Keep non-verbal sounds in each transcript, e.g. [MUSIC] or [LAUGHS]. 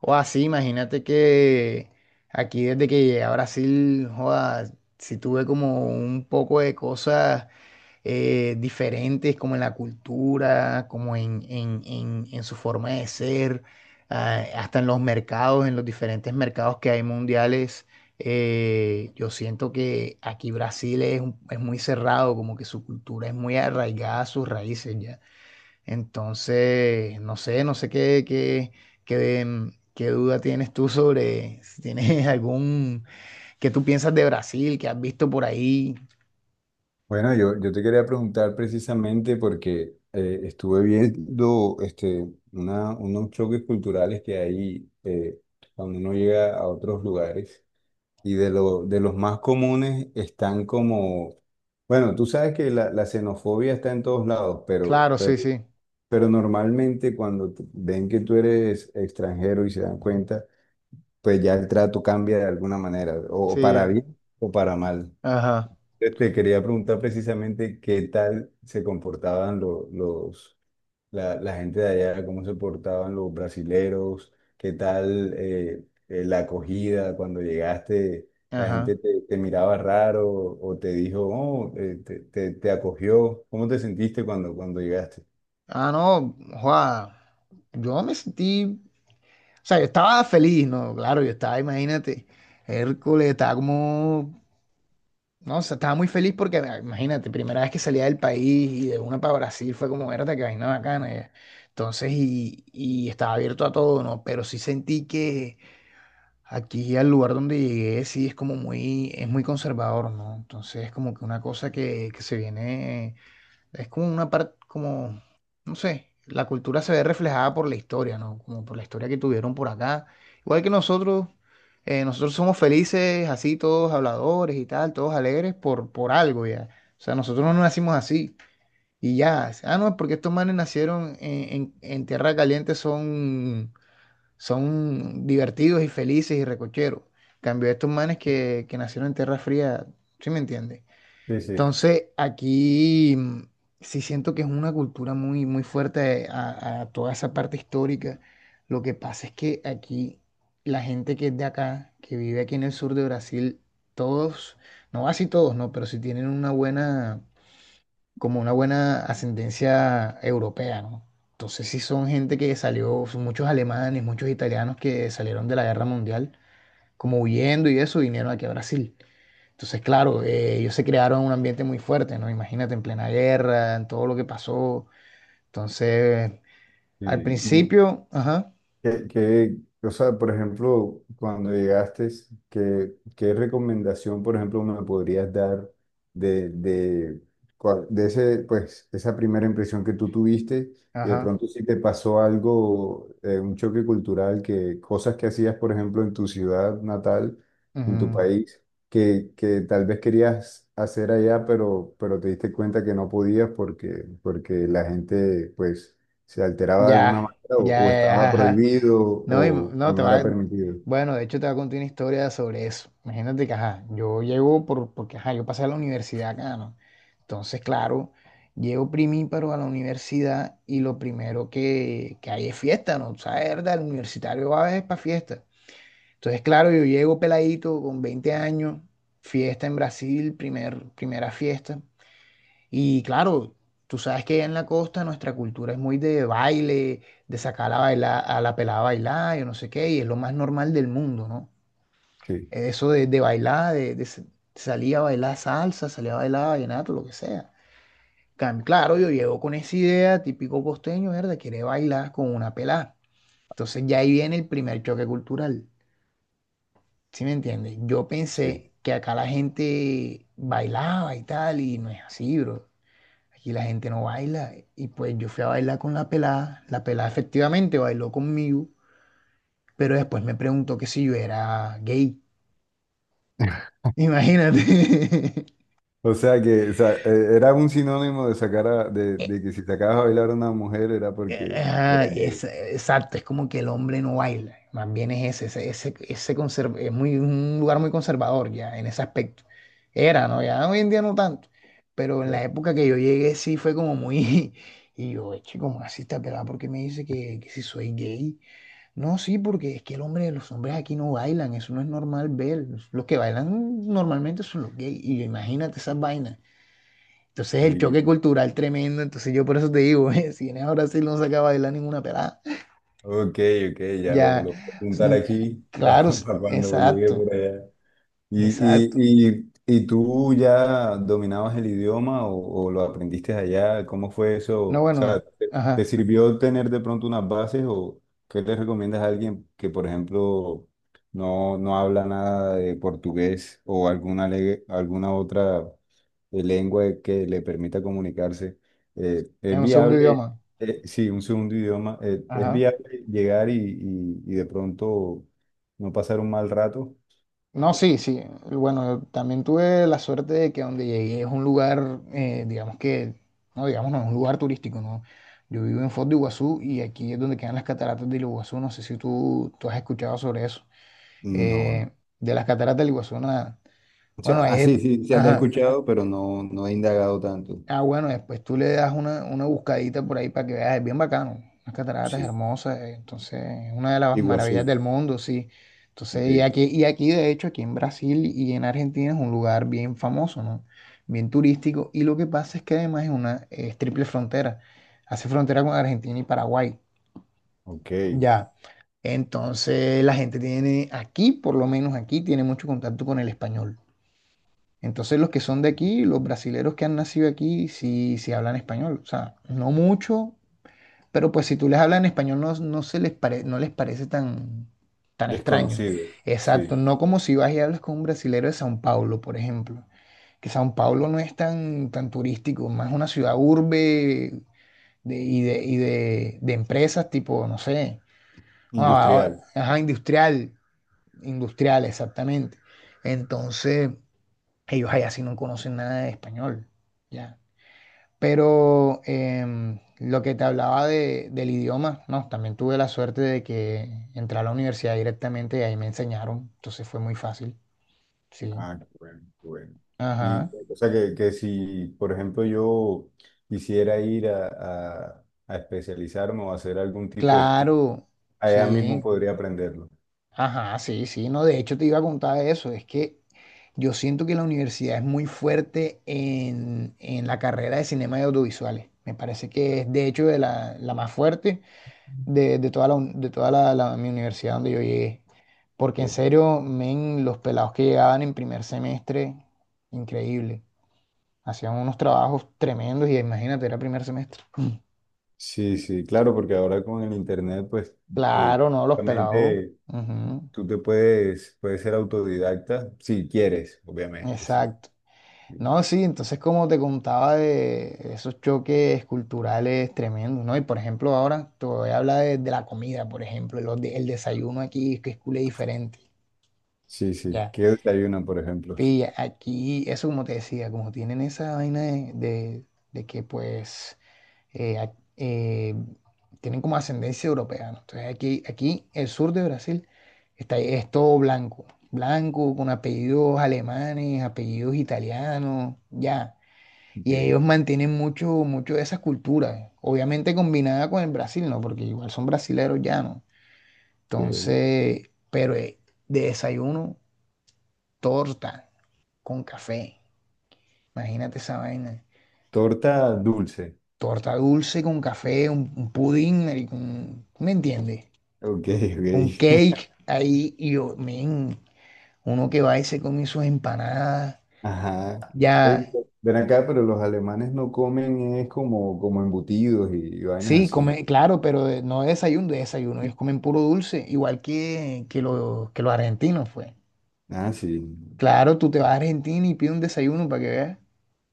O así, imagínate que aquí desde que llegué a Brasil, joda, sí tuve como un poco de cosas diferentes, como en la cultura, como en su forma de ser, hasta en los mercados, en los diferentes mercados que hay mundiales. Yo siento que aquí Brasil es, es muy cerrado, como que su cultura es muy arraigada a sus raíces ya. Entonces, no sé qué duda tienes tú sobre si tienes [LAUGHS] algún que tú piensas de Brasil, que has visto por ahí. Bueno, yo te quería preguntar precisamente porque estuve viendo unos choques culturales que hay cuando uno llega a otros lugares y de los más comunes están como, bueno, tú sabes que la xenofobia está en todos lados, Claro, sí, sí, pero normalmente cuando ven que tú eres extranjero y se dan cuenta, pues ya el trato cambia de alguna manera, o para sí. bien o para mal. Ajá, Te quería preguntar precisamente qué tal se comportaban la gente de allá, cómo se portaban los brasileros, qué tal la acogida cuando llegaste, la ajá. gente te miraba raro o te dijo, te acogió, ¿cómo te sentiste cuando llegaste? Ah, no, Juan, yo me sentí, o sea, yo estaba feliz, ¿no? Claro, yo estaba, imagínate, Hércules, estaba como. No, o sea, estaba muy feliz porque, imagínate, primera vez que salía del país y de una para Brasil fue como, verdad, que vaina bacana. Entonces, y estaba abierto a todo, ¿no? Pero sí sentí que aquí al lugar donde llegué, sí es como muy, es muy conservador, ¿no? Entonces, es como que una cosa que se viene, es como una parte, como, no sé, la cultura se ve reflejada por la historia, ¿no? Como por la historia que tuvieron por acá. Igual que nosotros, nosotros somos felices, así todos habladores y tal, todos alegres por algo ya. O sea, nosotros no nacimos así y ya. Ah, no, es porque estos manes nacieron en tierra caliente, son, son divertidos y felices y recocheros. Cambio estos manes que nacieron en tierra fría, ¿sí me entiendes? Sí, sí. Entonces, aquí sí siento que es una cultura muy, muy fuerte a toda esa parte histórica. Lo que pasa es que aquí la gente que es de acá, que vive aquí en el sur de Brasil, todos, no así todos, no, pero sí tienen una buena, como una buena ascendencia europea, ¿no? Entonces sí son gente que salió, son muchos alemanes, muchos italianos que salieron de la guerra mundial, como huyendo y eso, vinieron aquí a Brasil. Entonces, claro, ellos se crearon un ambiente muy fuerte, ¿no? Imagínate, en plena guerra, en todo lo que pasó. Entonces, al Sí. principio, ajá, ¿Qué, qué- por ejemplo, cuando llegaste, ¿qué recomendación, por ejemplo, me podrías dar de, de, de ese, pues, esa primera impresión que tú tuviste y de ajá, pronto si te pasó algo, un choque cultural, que cosas que hacías, por ejemplo, en tu ciudad natal, en tu ujú, país, que tal vez querías hacer allá, pero te diste cuenta que no podías porque, porque la gente, pues se alteraba de alguna ya, manera ya, o ya, estaba ajá. prohibido No, y- o no, te no era va, permitido. bueno, de hecho te voy a contar una historia sobre eso. Imagínate que, ajá, yo llego porque, ajá, yo pasé a la universidad acá, ¿no? Entonces, claro, llego primíparo a la universidad y lo primero que hay es fiesta, ¿no? O sea, ¿verdad? El universitario va a veces para fiesta. Entonces, claro, yo llego peladito con 20 años, fiesta en Brasil, primera fiesta. Y claro, tú sabes que allá en la costa nuestra cultura es muy de baile, de sacar a, bailar, a la pelada a bailar, yo no sé qué, y es lo más normal del mundo, ¿no? Sí, Eso de bailar, salir a bailar salsa, salir a bailar vallenato, lo que sea. Claro, yo llego con esa idea, típico costeño, ¿verdad? Quiere bailar con una pelada. Entonces ya ahí viene el primer choque cultural. ¿Sí me entiendes? Yo sí. pensé que acá la gente bailaba y tal, y no es así, bro. Aquí la gente no baila. Y pues yo fui a bailar con la pelada. La pelada efectivamente bailó conmigo, pero después me preguntó que si yo era gay. [LAUGHS] Imagínate. Era un sinónimo de [LAUGHS] E- de que si sacabas a bailar a una mujer era porque ajá, era gay. Exacto, es como que el hombre no baila, más bien es ese, ese es muy, un lugar muy conservador ya en ese aspecto. Era, ¿no? Ya hoy en día no tanto, pero en la Claro. época que yo llegué sí fue como muy... [LAUGHS] Y yo, eche, como así está pelada? ¿Porque me dice que si soy gay? No, sí, porque es que los hombres aquí no bailan, eso no es normal ver. Los que bailan normalmente son los gays. Y imagínate esas vainas. Entonces el Sí. choque cultural tremendo, entonces yo por eso te digo, [LAUGHS] si vienes a Brasil no saca a bailar ninguna pelada. Ok, ok, Ya, lo voy a apuntar mm, aquí [LAUGHS] claro, para, cuando llegue exacto, por allá. ¿Y, exacto. y, y, y tú ya dominabas el idioma o lo aprendiste allá? ¿Cómo fue eso? No, O sea, bueno, ¿te ajá, sirvió tener de pronto unas bases o qué le recomiendas a alguien que, por ejemplo, no habla nada de portugués alguna otra lengua que le permita comunicarse? Eh, en ¿es un segundo viable, idioma, sí, ¿Un segundo idioma, es ajá. viable llegar y de pronto no pasar un mal rato? No, sí, sí, bueno, yo también tuve la suerte de que donde llegué es un lugar, digamos que, no, digamos, no, es un lugar turístico, ¿no? Yo vivo en Foz de Iguazú y aquí es donde quedan las cataratas del Iguazú, no sé si tú has escuchado sobre eso. No. Eh, de las cataratas del Iguazú, nada. O sea, Bueno, ah, sí, sí, ya la he ajá. escuchado, pero no, no he indagado tanto. Ah, bueno, después tú le das una buscadita por ahí para que veas, es bien bacano. Las cataratas Sí. hermosas, entonces es una de las Iguazú. maravillas del mundo, sí. Entonces, Ok. Y aquí, de hecho, aquí en Brasil y en Argentina es un lugar bien famoso, ¿no? Bien turístico. Y lo que pasa es que además es una, es triple frontera. Hace frontera con Argentina y Paraguay. Ok. Ya. Entonces, la gente tiene, aquí, por lo menos aquí, tiene mucho contacto con el español. Entonces los que son de aquí, los brasileros que han nacido aquí, sí, sí hablan español. O sea, no mucho, pero pues si tú les hablas en español no, no les parece tan, tan extraño. Desconocido. Exacto, Sí. no como si vas y hablas con un brasilero de São Paulo, por ejemplo. Que São Paulo no es tan, tan turístico, más una ciudad urbe de empresas tipo, no sé, ah, Industrial. Ajá, industrial, industrial, exactamente. Entonces ellos allá sí no conocen nada de español, ya. Pero lo que te hablaba del idioma, no, también tuve la suerte de que entré a la universidad directamente y ahí me enseñaron, entonces fue muy fácil, sí. Ah, qué bueno, qué bueno. Y Ajá, o sea que si, por ejemplo, yo quisiera ir a, a especializarme o hacer algún tipo de estudio, claro, allá mismo sí, podría aprenderlo. ajá, sí, sí, no, de hecho te iba a contar eso, es que yo siento que la universidad es muy fuerte en la carrera de cinema y audiovisuales, me parece que es de hecho de la, la más fuerte de toda de toda mi universidad donde yo llegué. Porque en Ok. serio, men, los pelados que llegaban en primer semestre, increíble. Hacían unos trabajos tremendos y imagínate, era primer semestre. Sí, sí, claro, porque ahora con el internet, pues, eh, Claro, no, los pelados. justamente Ujú, tú puedes ser autodidacta si quieres, obviamente, sí. exacto. No, sí, entonces como te contaba de esos choques culturales tremendos, ¿no? Y por ejemplo, ahora te voy a hablar de la comida, por ejemplo, el desayuno aquí, que es culé diferente. Sí, sí. Ya. ¿Qué desayuno, por ejemplo? Y aquí, eso como te decía, como tienen esa vaina de que pues eh, a- eh, tienen como ascendencia europea, ¿no? Entonces aquí el sur de Brasil está, es todo blanco, blanco con apellidos alemanes, apellidos italianos, ya. Ok, Y ellos mantienen mucho, mucho de esa cultura, obviamente combinada con el Brasil, ¿no? Porque igual son brasileros ya, ¿no? ok. Entonces, pero de desayuno, torta con café. Imagínate esa vaina. Torta dulce. Torta dulce con café, un pudín, marico, ¿me entiendes? Ok, Un ok. cake ahí y yo, men, uno que va y se come sus empanadas. [LAUGHS] Ajá. Ya, Ven acá, pero los alemanes no comen es como, como embutidos y, vainas sí, así. come, claro, pero no de desayuno, de desayuno. Ellos comen puro dulce, igual que los argentinos, fue. Ah, sí. Claro, tú te vas a Argentina y pides un desayuno para que veas.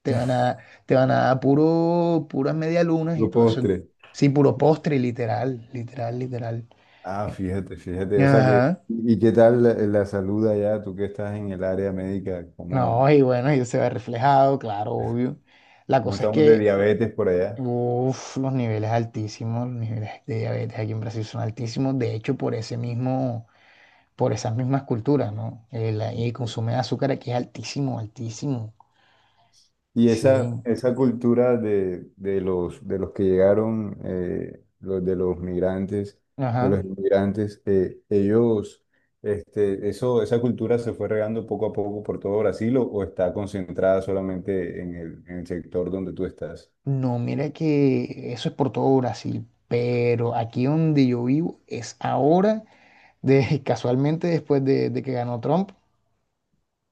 Te van a, te van a dar puro, puras medialunas y Los todo eso. postres. Sí, puro postre, literal, literal, literal. Ah, Eh, fíjate, fíjate. O sea que, Ajá. ¿y qué tal la salud allá? Tú que estás en el área médica, No, y bueno, y se ve reflejado, claro, obvio. La ¿cómo cosa es estamos de que, diabetes por allá? uff, los niveles altísimos, los niveles de diabetes aquí en Brasil son altísimos, de hecho, por ese mismo, por esas mismas culturas, ¿no? El consumo de azúcar aquí es altísimo, altísimo. Y Sí, esa cultura de, de los que llegaron, de los migrantes, de los ajá. inmigrantes, esa cultura se fue regando poco a poco por todo Brasil o está concentrada solamente en el sector donde tú estás. No, mira que eso es por todo Brasil, pero aquí donde yo vivo es ahora, de, [LAUGHS] casualmente después de que ganó Trump,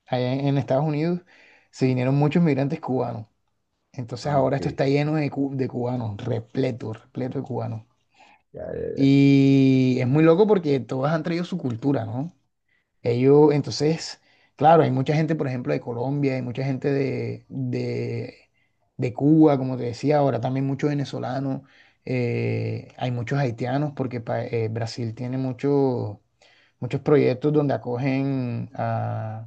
allá en Estados Unidos, se vinieron muchos migrantes cubanos. Entonces Ah, ahora esto ok. está lleno de cubanos, repleto, repleto de cubanos. Ya, ya, ya. Y es muy loco porque todos han traído su cultura, ¿no? Ellos, entonces, claro, hay mucha gente, por ejemplo, de Colombia, hay mucha gente de Cuba, como te decía, ahora también muchos venezolanos, hay muchos haitianos porque Brasil tiene muchos proyectos donde acogen a.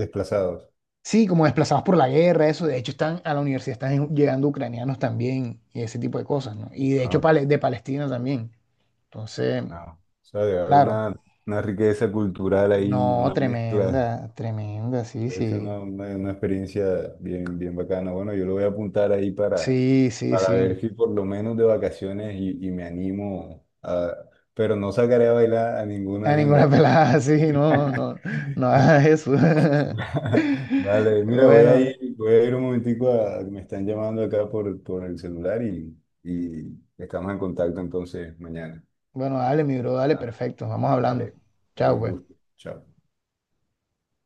Desplazados. Sí, como desplazados por la guerra, eso. De hecho, están a la universidad, están llegando ucranianos también y ese tipo de cosas, ¿no? Y de hecho, Ah, de Palestina también. Entonces, ah. O sea, debe haber claro. Una riqueza cultural ahí, No, una mezcla. tremenda, tremenda, sí, Es sí. Una experiencia bien, bien bacana. Bueno, yo lo voy a apuntar ahí Sí, sí, para sí. ver si por lo menos de vacaciones y me animo a... Pero no sacaré a bailar a A ninguna ninguna hembra. pelada, [LAUGHS] sí, no, [LAUGHS] no, no hagas eso. [LAUGHS] Vale, mira, Bueno, voy a ir un momentico a... Me están llamando acá por el celular y estamos en contacto entonces mañana. bueno, dale, mi bro, dale, Vale, perfecto. Vamos hablando. dale, dale, Chao, un pues. gusto. Chao.